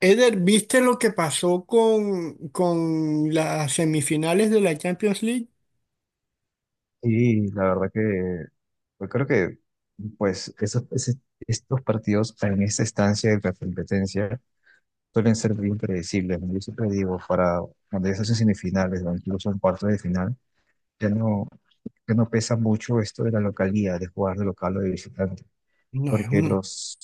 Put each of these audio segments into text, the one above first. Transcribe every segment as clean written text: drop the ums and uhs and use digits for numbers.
Eder, ¿viste lo que pasó con las semifinales de la Champions League? Sí, la verdad que yo creo que pues esos, ese- estos partidos en esta estancia de la competencia suelen ser bien predecibles, ¿no? Yo siempre digo, para cuando ya se hacen semifinales o incluso en cuartos de final, ya no, ya no pesa mucho esto de la localidad, de jugar de local o de visitante No, es porque una. los,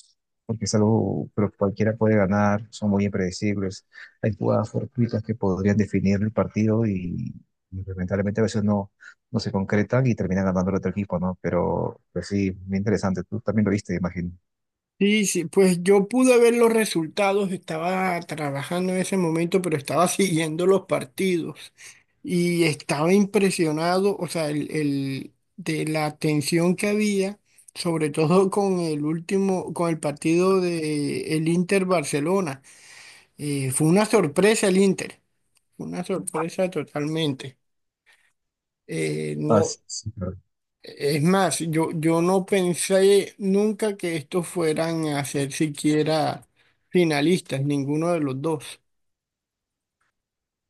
porque es algo, pero cualquiera puede ganar, son muy impredecibles. Hay jugadas fortuitas que podrían definir el partido y lamentablemente a veces no, no se concretan y terminan ganando el otro equipo, ¿no? Pero, pues sí, muy interesante. Tú también lo viste, imagino. Sí, sí, pues yo pude ver los resultados, estaba trabajando en ese momento, pero estaba siguiendo los partidos y estaba impresionado, o sea, de la tensión que había, sobre todo con el último, con el partido de el Inter Barcelona. Fue una sorpresa el Inter, fue una sorpresa totalmente. Ah, No, sí, sí, claro. Es más, yo no pensé nunca que estos fueran a ser siquiera finalistas, ninguno de los dos.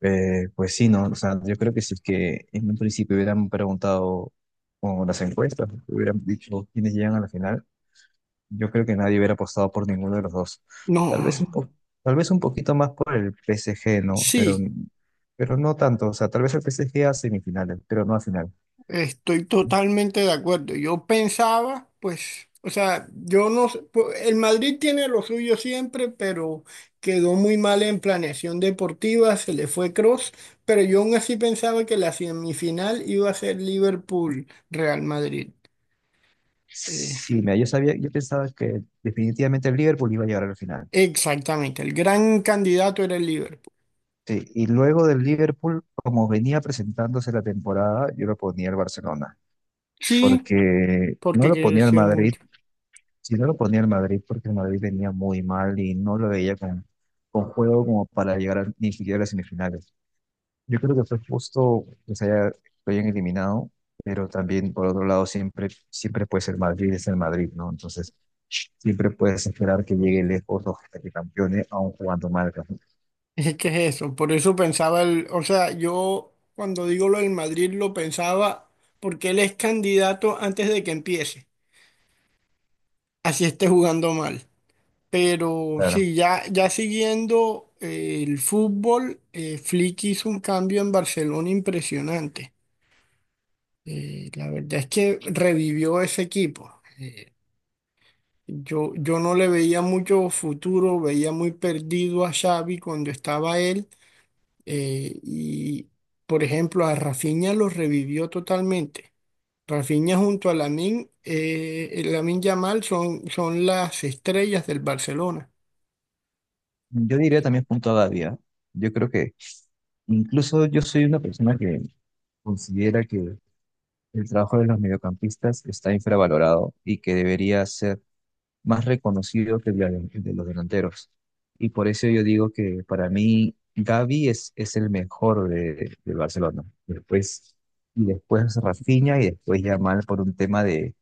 Pues sí, ¿no? O sea, yo creo que si es que en un principio hubieran preguntado con las encuestas, hubieran dicho quiénes llegan a la final, yo creo que nadie hubiera apostado por ninguno de los dos. Tal vez un No, po- Tal vez un poquito más por el PSG, ¿no? Sí, Pero no tanto. O sea, tal vez el PSG a semifinales, pero no a final. estoy totalmente de acuerdo. Yo pensaba, pues, o sea, yo no sé, pu- el Madrid tiene lo suyo siempre, pero quedó muy mal en planeación deportiva, se le fue Cross, pero yo aún así pensaba que la semifinal iba a ser Liverpool-Real Madrid. Eh, Sí, mira, yo pensaba que definitivamente el Liverpool iba a llegar a la final. Exactamente, el gran candidato era el Liverpool. Sí, y luego del Liverpool, como venía presentándose la temporada, yo lo ponía al Barcelona, Sí, porque no porque lo ponía al creció Madrid, mucho. si no lo ponía al Madrid, porque el Madrid venía muy mal y no lo veía con juego como para llegar ni siquiera a las semifinales. Yo creo que fue justo que lo hayan eliminado, pero también por otro lado siempre, siempre puede ser Madrid, es el Madrid, ¿no? Entonces siempre puedes esperar que llegue lejos o hasta que campeone aún jugando mal. ¿No? Es que es eso, por eso pensaba el, o sea, yo cuando digo lo del Madrid lo pensaba porque él es candidato antes de que empiece, así esté jugando mal. Pero Claro. sí, ya siguiendo el fútbol, Flick hizo un cambio en Barcelona impresionante. La verdad es que revivió ese equipo. Yo no le veía mucho futuro, veía muy perdido a Xavi cuando estaba él y, por ejemplo, a Rafinha lo revivió totalmente. Rafinha junto a Lamine, Lamine Yamal son las estrellas del Barcelona. Yo diría también punto a Gavi, ¿ah? Yo creo que incluso yo soy una persona que considera que el trabajo de los mediocampistas está infravalorado y que debería ser más reconocido que el de los delanteros. Y por eso yo digo que para mí Gavi es el mejor de, del Barcelona. Después, y después Rafinha y después Yamal por un tema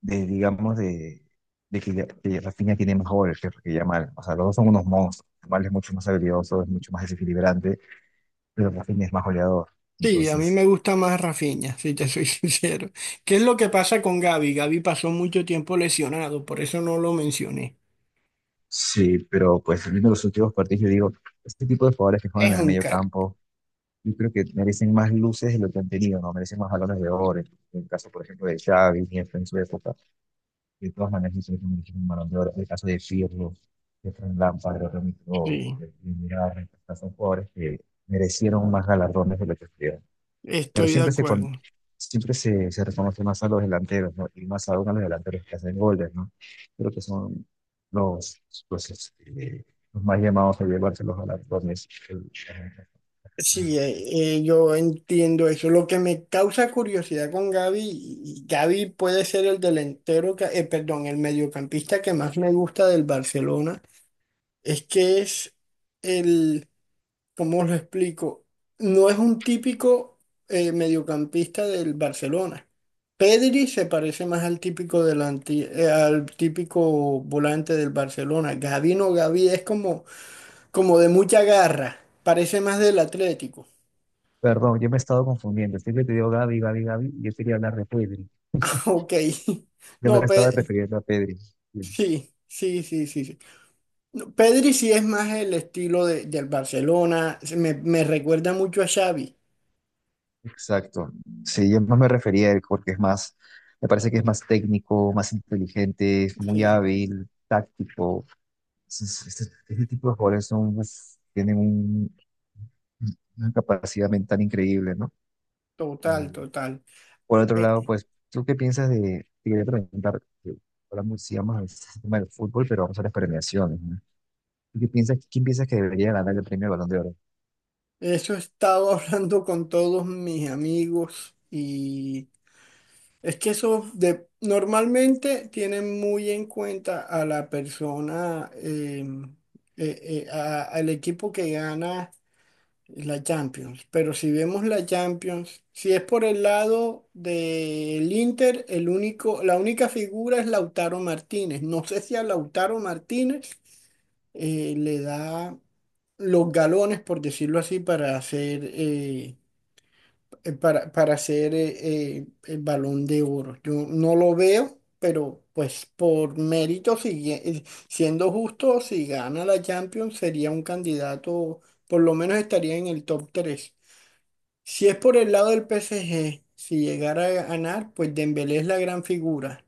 de digamos, de, de, que Rafinha tiene más goles que Yamal. O sea, los dos son unos monstruos. Yamal es mucho más habilidoso, es mucho más desequilibrante, pero Rafinha es más goleador. Sí, a mí Entonces, me gusta más Rafinha, si te soy sincero. ¿Qué es lo que pasa con Gavi? Gavi pasó mucho tiempo lesionado, por eso no lo mencioné. sí, pero pues viendo los últimos partidos, yo digo, este tipo de jugadores que juegan Es en el un medio crack. campo yo creo que merecen más luces de lo que han tenido, ¿no? Merecen más balones de oro. En el caso, por ejemplo, de Xavi, Iniesta en su época. De todas maneras, yo creo que merecen un balón de oro. En el caso de Pirlo, de Fran Lampard, de Remy Gignac, Sí, de Mirar, son jugadores que merecieron más galardones de lo que tuvieron. Pero estoy de acuerdo. Siempre se reconoce más a los delanteros, ¿no? Y más aún a los delanteros que hacen goles, ¿no? Creo que son los, los, este, los más llamados a llevarse los galardones. Sí, yo entiendo eso. Lo que me causa curiosidad con Gaby, y Gaby puede ser el delantero, que- perdón, el mediocampista que más me gusta del Barcelona, es que es el, ¿cómo lo explico? No es un típico mediocampista del Barcelona. Pedri se parece más al típico delante, al típico volante del Barcelona. Gaby no, Gaby es como, como de mucha garra, parece más del Atlético. Perdón, yo me he estado confundiendo. Siempre te digo Gaby. Yo quería hablar de Pedri. Ok. Yo No, me estaba Pe- refiriendo a Pedri. Sí, sí, sí, sí, sí, sí. No, Pedri sí es más el estilo de- del Barcelona. Se Me recuerda mucho a Xavi. exacto. Sí, yo más me refería a él porque es me parece que es más técnico, más inteligente, es muy Sí, hábil, táctico. Es- es- Este, este tipo de jugadores son, uf, tienen un- una capacidad mental increíble, ¿no? total, Y total. por otro lado, Eh, pues, ¿tú qué piensas de, te quería preguntar, que sigamos el tema del fútbol, pero vamos a las premiaciones, ¿no? ¿Tú ¿Qué piensas, quién piensas que debería ganar el premio Balón de Oro? Eso he estado hablando con todos mis amigos y es que eso de, normalmente tienen muy en cuenta a la persona, eh, a- al equipo que gana. La Champions, pero si vemos la Champions, si es por el lado del Inter, el único, la única figura es Lautaro Martínez. No sé si a Lautaro Martínez le da los galones, por decirlo así, para hacer, para, para hacer el Balón de Oro. Yo no lo veo, pero pues por mérito, sigue- siendo justo, si gana la Champions, sería un candidato, por lo menos estaría en el top 3. Si es por el lado del PSG, si llegara a ganar, pues Dembélé es la gran figura,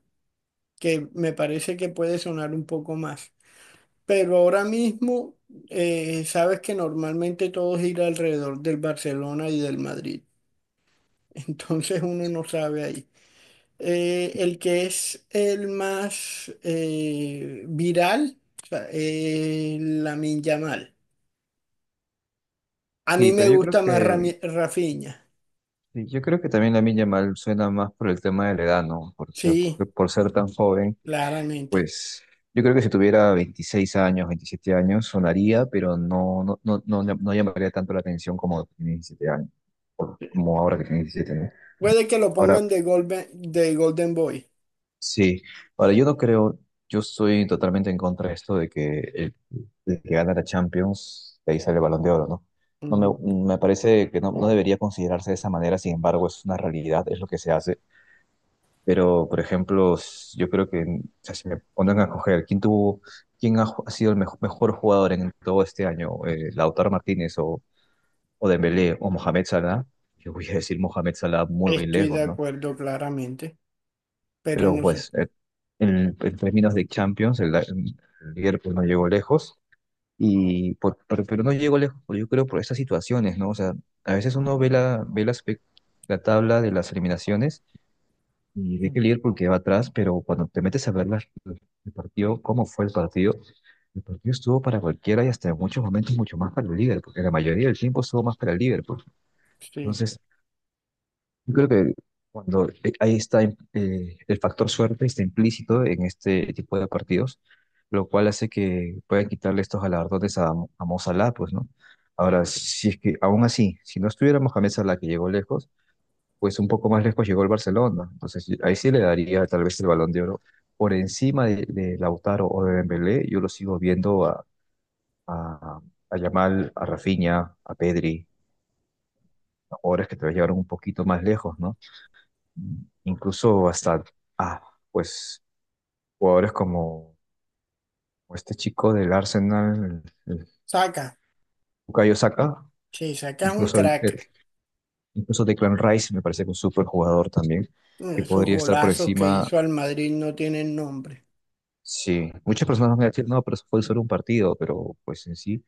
que me parece que puede sonar un poco más. Pero ahora mismo, sabes que normalmente todo gira alrededor del Barcelona y del Madrid. Entonces uno no sabe ahí. El que es el más viral, o sea, Lamine Yamal. A mí Sí, me pero yo gusta creo más que, Rami- Rafinha. sí, yo creo que también Lamine Yamal suena más por el tema de la edad, ¿no? Sí, Por ser tan joven, claramente. pues yo creo que si tuviera 26 años, 27 años, sonaría, pero no, no, no, no, no llamaría tanto la atención como tiene 17 años, como ahora que tiene 17, ¿no? Puede que lo Ahora, pongan de Golden Boy. sí, ahora yo no creo, yo estoy totalmente en contra de esto de que el que gana la Champions de ahí sale el Balón de Oro, ¿no? Ujú. Me parece que no, no debería considerarse de esa manera, sin embargo es una realidad, es lo que se hace. Pero, por ejemplo, yo creo que, o sea, si me ponen a escoger quién ha sido el mejor jugador en todo este año, Lautaro Martínez o Dembélé o Mohamed Salah, yo voy a decir Mohamed Salah muy Estoy de lejos, ¿no? acuerdo claramente, pero Pero no sé. pues en términos de Champions, el Liverpool no llegó lejos. Pero no llegó lejos, por- yo creo, por estas situaciones, ¿no? O sea, a veces uno la tabla de las eliminaciones y ve Mm, que el Liverpool queda atrás, pero cuando te metes a ver el partido, cómo fue el partido estuvo para cualquiera y hasta en muchos momentos mucho más para el Liverpool, porque la mayoría del tiempo estuvo más para el Liverpool. sí. Entonces, yo creo que cuando el factor suerte está implícito en este tipo de partidos, lo cual hace que puedan quitarle estos galardones a Mo Salah, pues, ¿no? Ahora, si es que aún así, si no estuviera Mohamed Salah que llegó lejos, pues un poco más lejos llegó el Barcelona. Entonces, ahí sí le daría tal vez el Balón de Oro por encima de Lautaro o de Dembélé. Yo lo sigo viendo a, a Yamal, a Rafinha, a Pedri, a jugadores que te llevaron un poquito más lejos, ¿no? Incluso hasta, ah, pues, jugadores como este chico del Arsenal, el Saca, Bukayo Saka, sí, Saca es un incluso, crack. incluso Declan Rice me parece que es un súper jugador también, Mm, que esos podría estar por golazos que encima. hizo al Madrid no tienen nombre. Sí, muchas personas me dicen, no, pero eso fue solo un partido, pero pues en sí,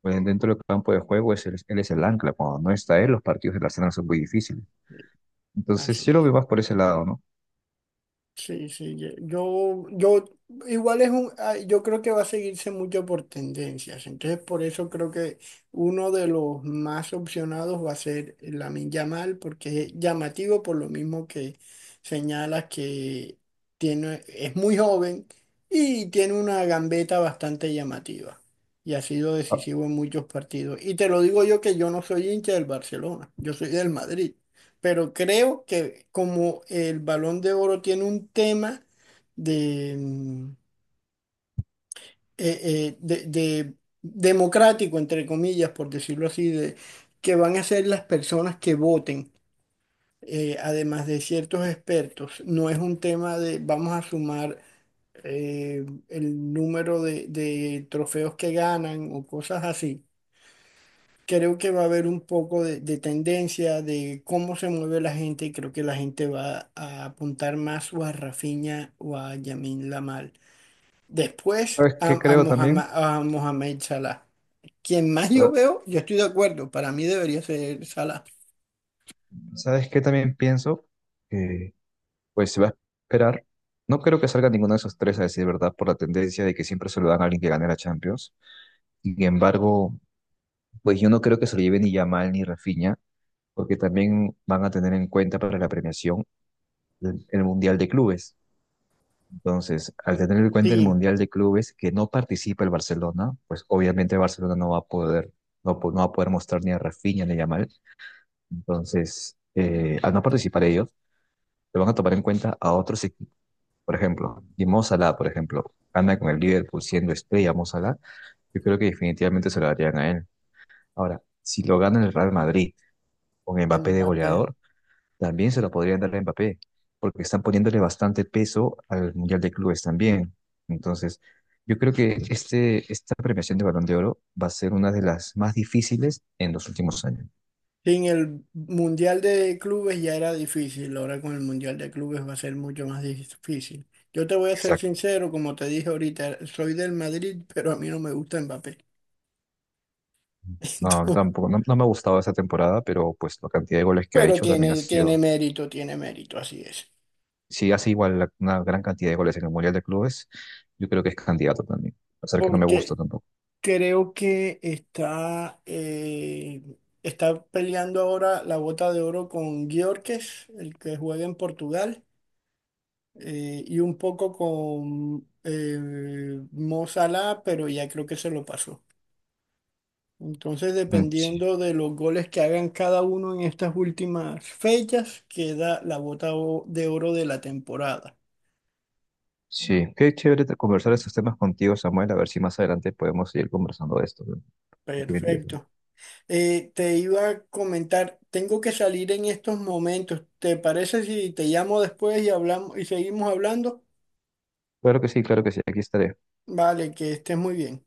pues, dentro del campo de juego es él es el ancla. Cuando no está él, los partidos del Arsenal son muy difíciles. Entonces, Así. yo lo veo más por ese lado, ¿no? Sí, sí, ye- yo igual es un, ah, yo creo que va a seguirse mucho por tendencias, entonces por eso creo que uno de los más opcionados va a ser Lamine Yamal, porque es llamativo por lo mismo que señalas que tiene, es muy joven y tiene una gambeta bastante llamativa y ha sido Ah, decisivo en muchos partidos. Y te lo digo yo que yo no soy hincha del Barcelona, yo soy del Madrid, pero creo que como el Balón de Oro tiene un tema de, mm, eh, de democrático, entre comillas, por decirlo así, de que van a ser las personas que voten, además de ciertos expertos. No es un tema de vamos a sumar el número de trofeos que ganan o cosas así. Creo que va a haber un poco de tendencia de cómo se mueve la gente y creo que la gente va a apuntar más o a Rafinha o a Yamin Lamal. Después ¿sabes qué creo Mohamed, también? a Mohamed Salah. Quien más yo Ah, veo, yo estoy de acuerdo, para mí debería ser Salah. ¿sabes qué también pienso? Que pues se va a esperar. No creo que salga ninguno de esos tres, a decir verdad, por la tendencia de que siempre se lo dan a alguien que gane la Champions. Sin embargo, pues yo no creo que se lo lleve ni Yamal ni Rafinha, porque también van a tener en cuenta para la premiación el Mundial de Clubes. Entonces, al tener en cuenta el Sí, Mundial de Clubes que no participa el Barcelona, pues obviamente el Barcelona no va a poder mostrar ni a Rafinha ni a Yamal. Entonces, al no participar ellos, se van a tomar en cuenta a otros por ejemplo, y Mo Salah, por ejemplo, anda con el Liverpool siendo estrella Mo Salah, yo creo que definitivamente se lo darían a él. Ahora, si lo gana el Real Madrid con Mbappé de Mbappé. goleador, también se lo podrían dar a Mbappé, porque están poniéndole bastante peso al Mundial de Clubes también. Entonces, yo creo que esta premiación de Balón de Oro va a ser una de las más difíciles en los últimos años. Sin el Mundial de Clubes ya era difícil, ahora con el Mundial de Clubes va a ser mucho más difícil. Yo te voy a ser Exacto. sincero, como te dije ahorita, soy del Madrid, pero a mí no me gusta Mbappé. No, tampoco, no, no me ha gustado esa temporada, pero pues la cantidad de goles que ha Pero hecho también ha tiene, sido tiene mérito, así es. si hace igual una gran cantidad de goles en el Mundial de Clubes, yo creo que es candidato también, a pesar que no me gusta Porque tampoco. creo que está, está peleando ahora la bota de oro con Gyökeres, el que juega en Portugal, y un poco con Mo Salah, pero ya creo que se lo pasó. Entonces, Mm, sí, dependiendo de los goles que hagan cada uno en estas últimas fechas, queda la bota o- de oro de la temporada. sí, qué chévere conversar estos temas contigo, Samuel, a ver si más adelante podemos seguir conversando de esto. ¿No? Muy interesante. Perfecto. Te iba a comentar, tengo que salir en estos momentos. ¿Te parece si te llamo después y hablamos y seguimos hablando? Claro que sí, aquí estaré. Vale, que estés muy bien.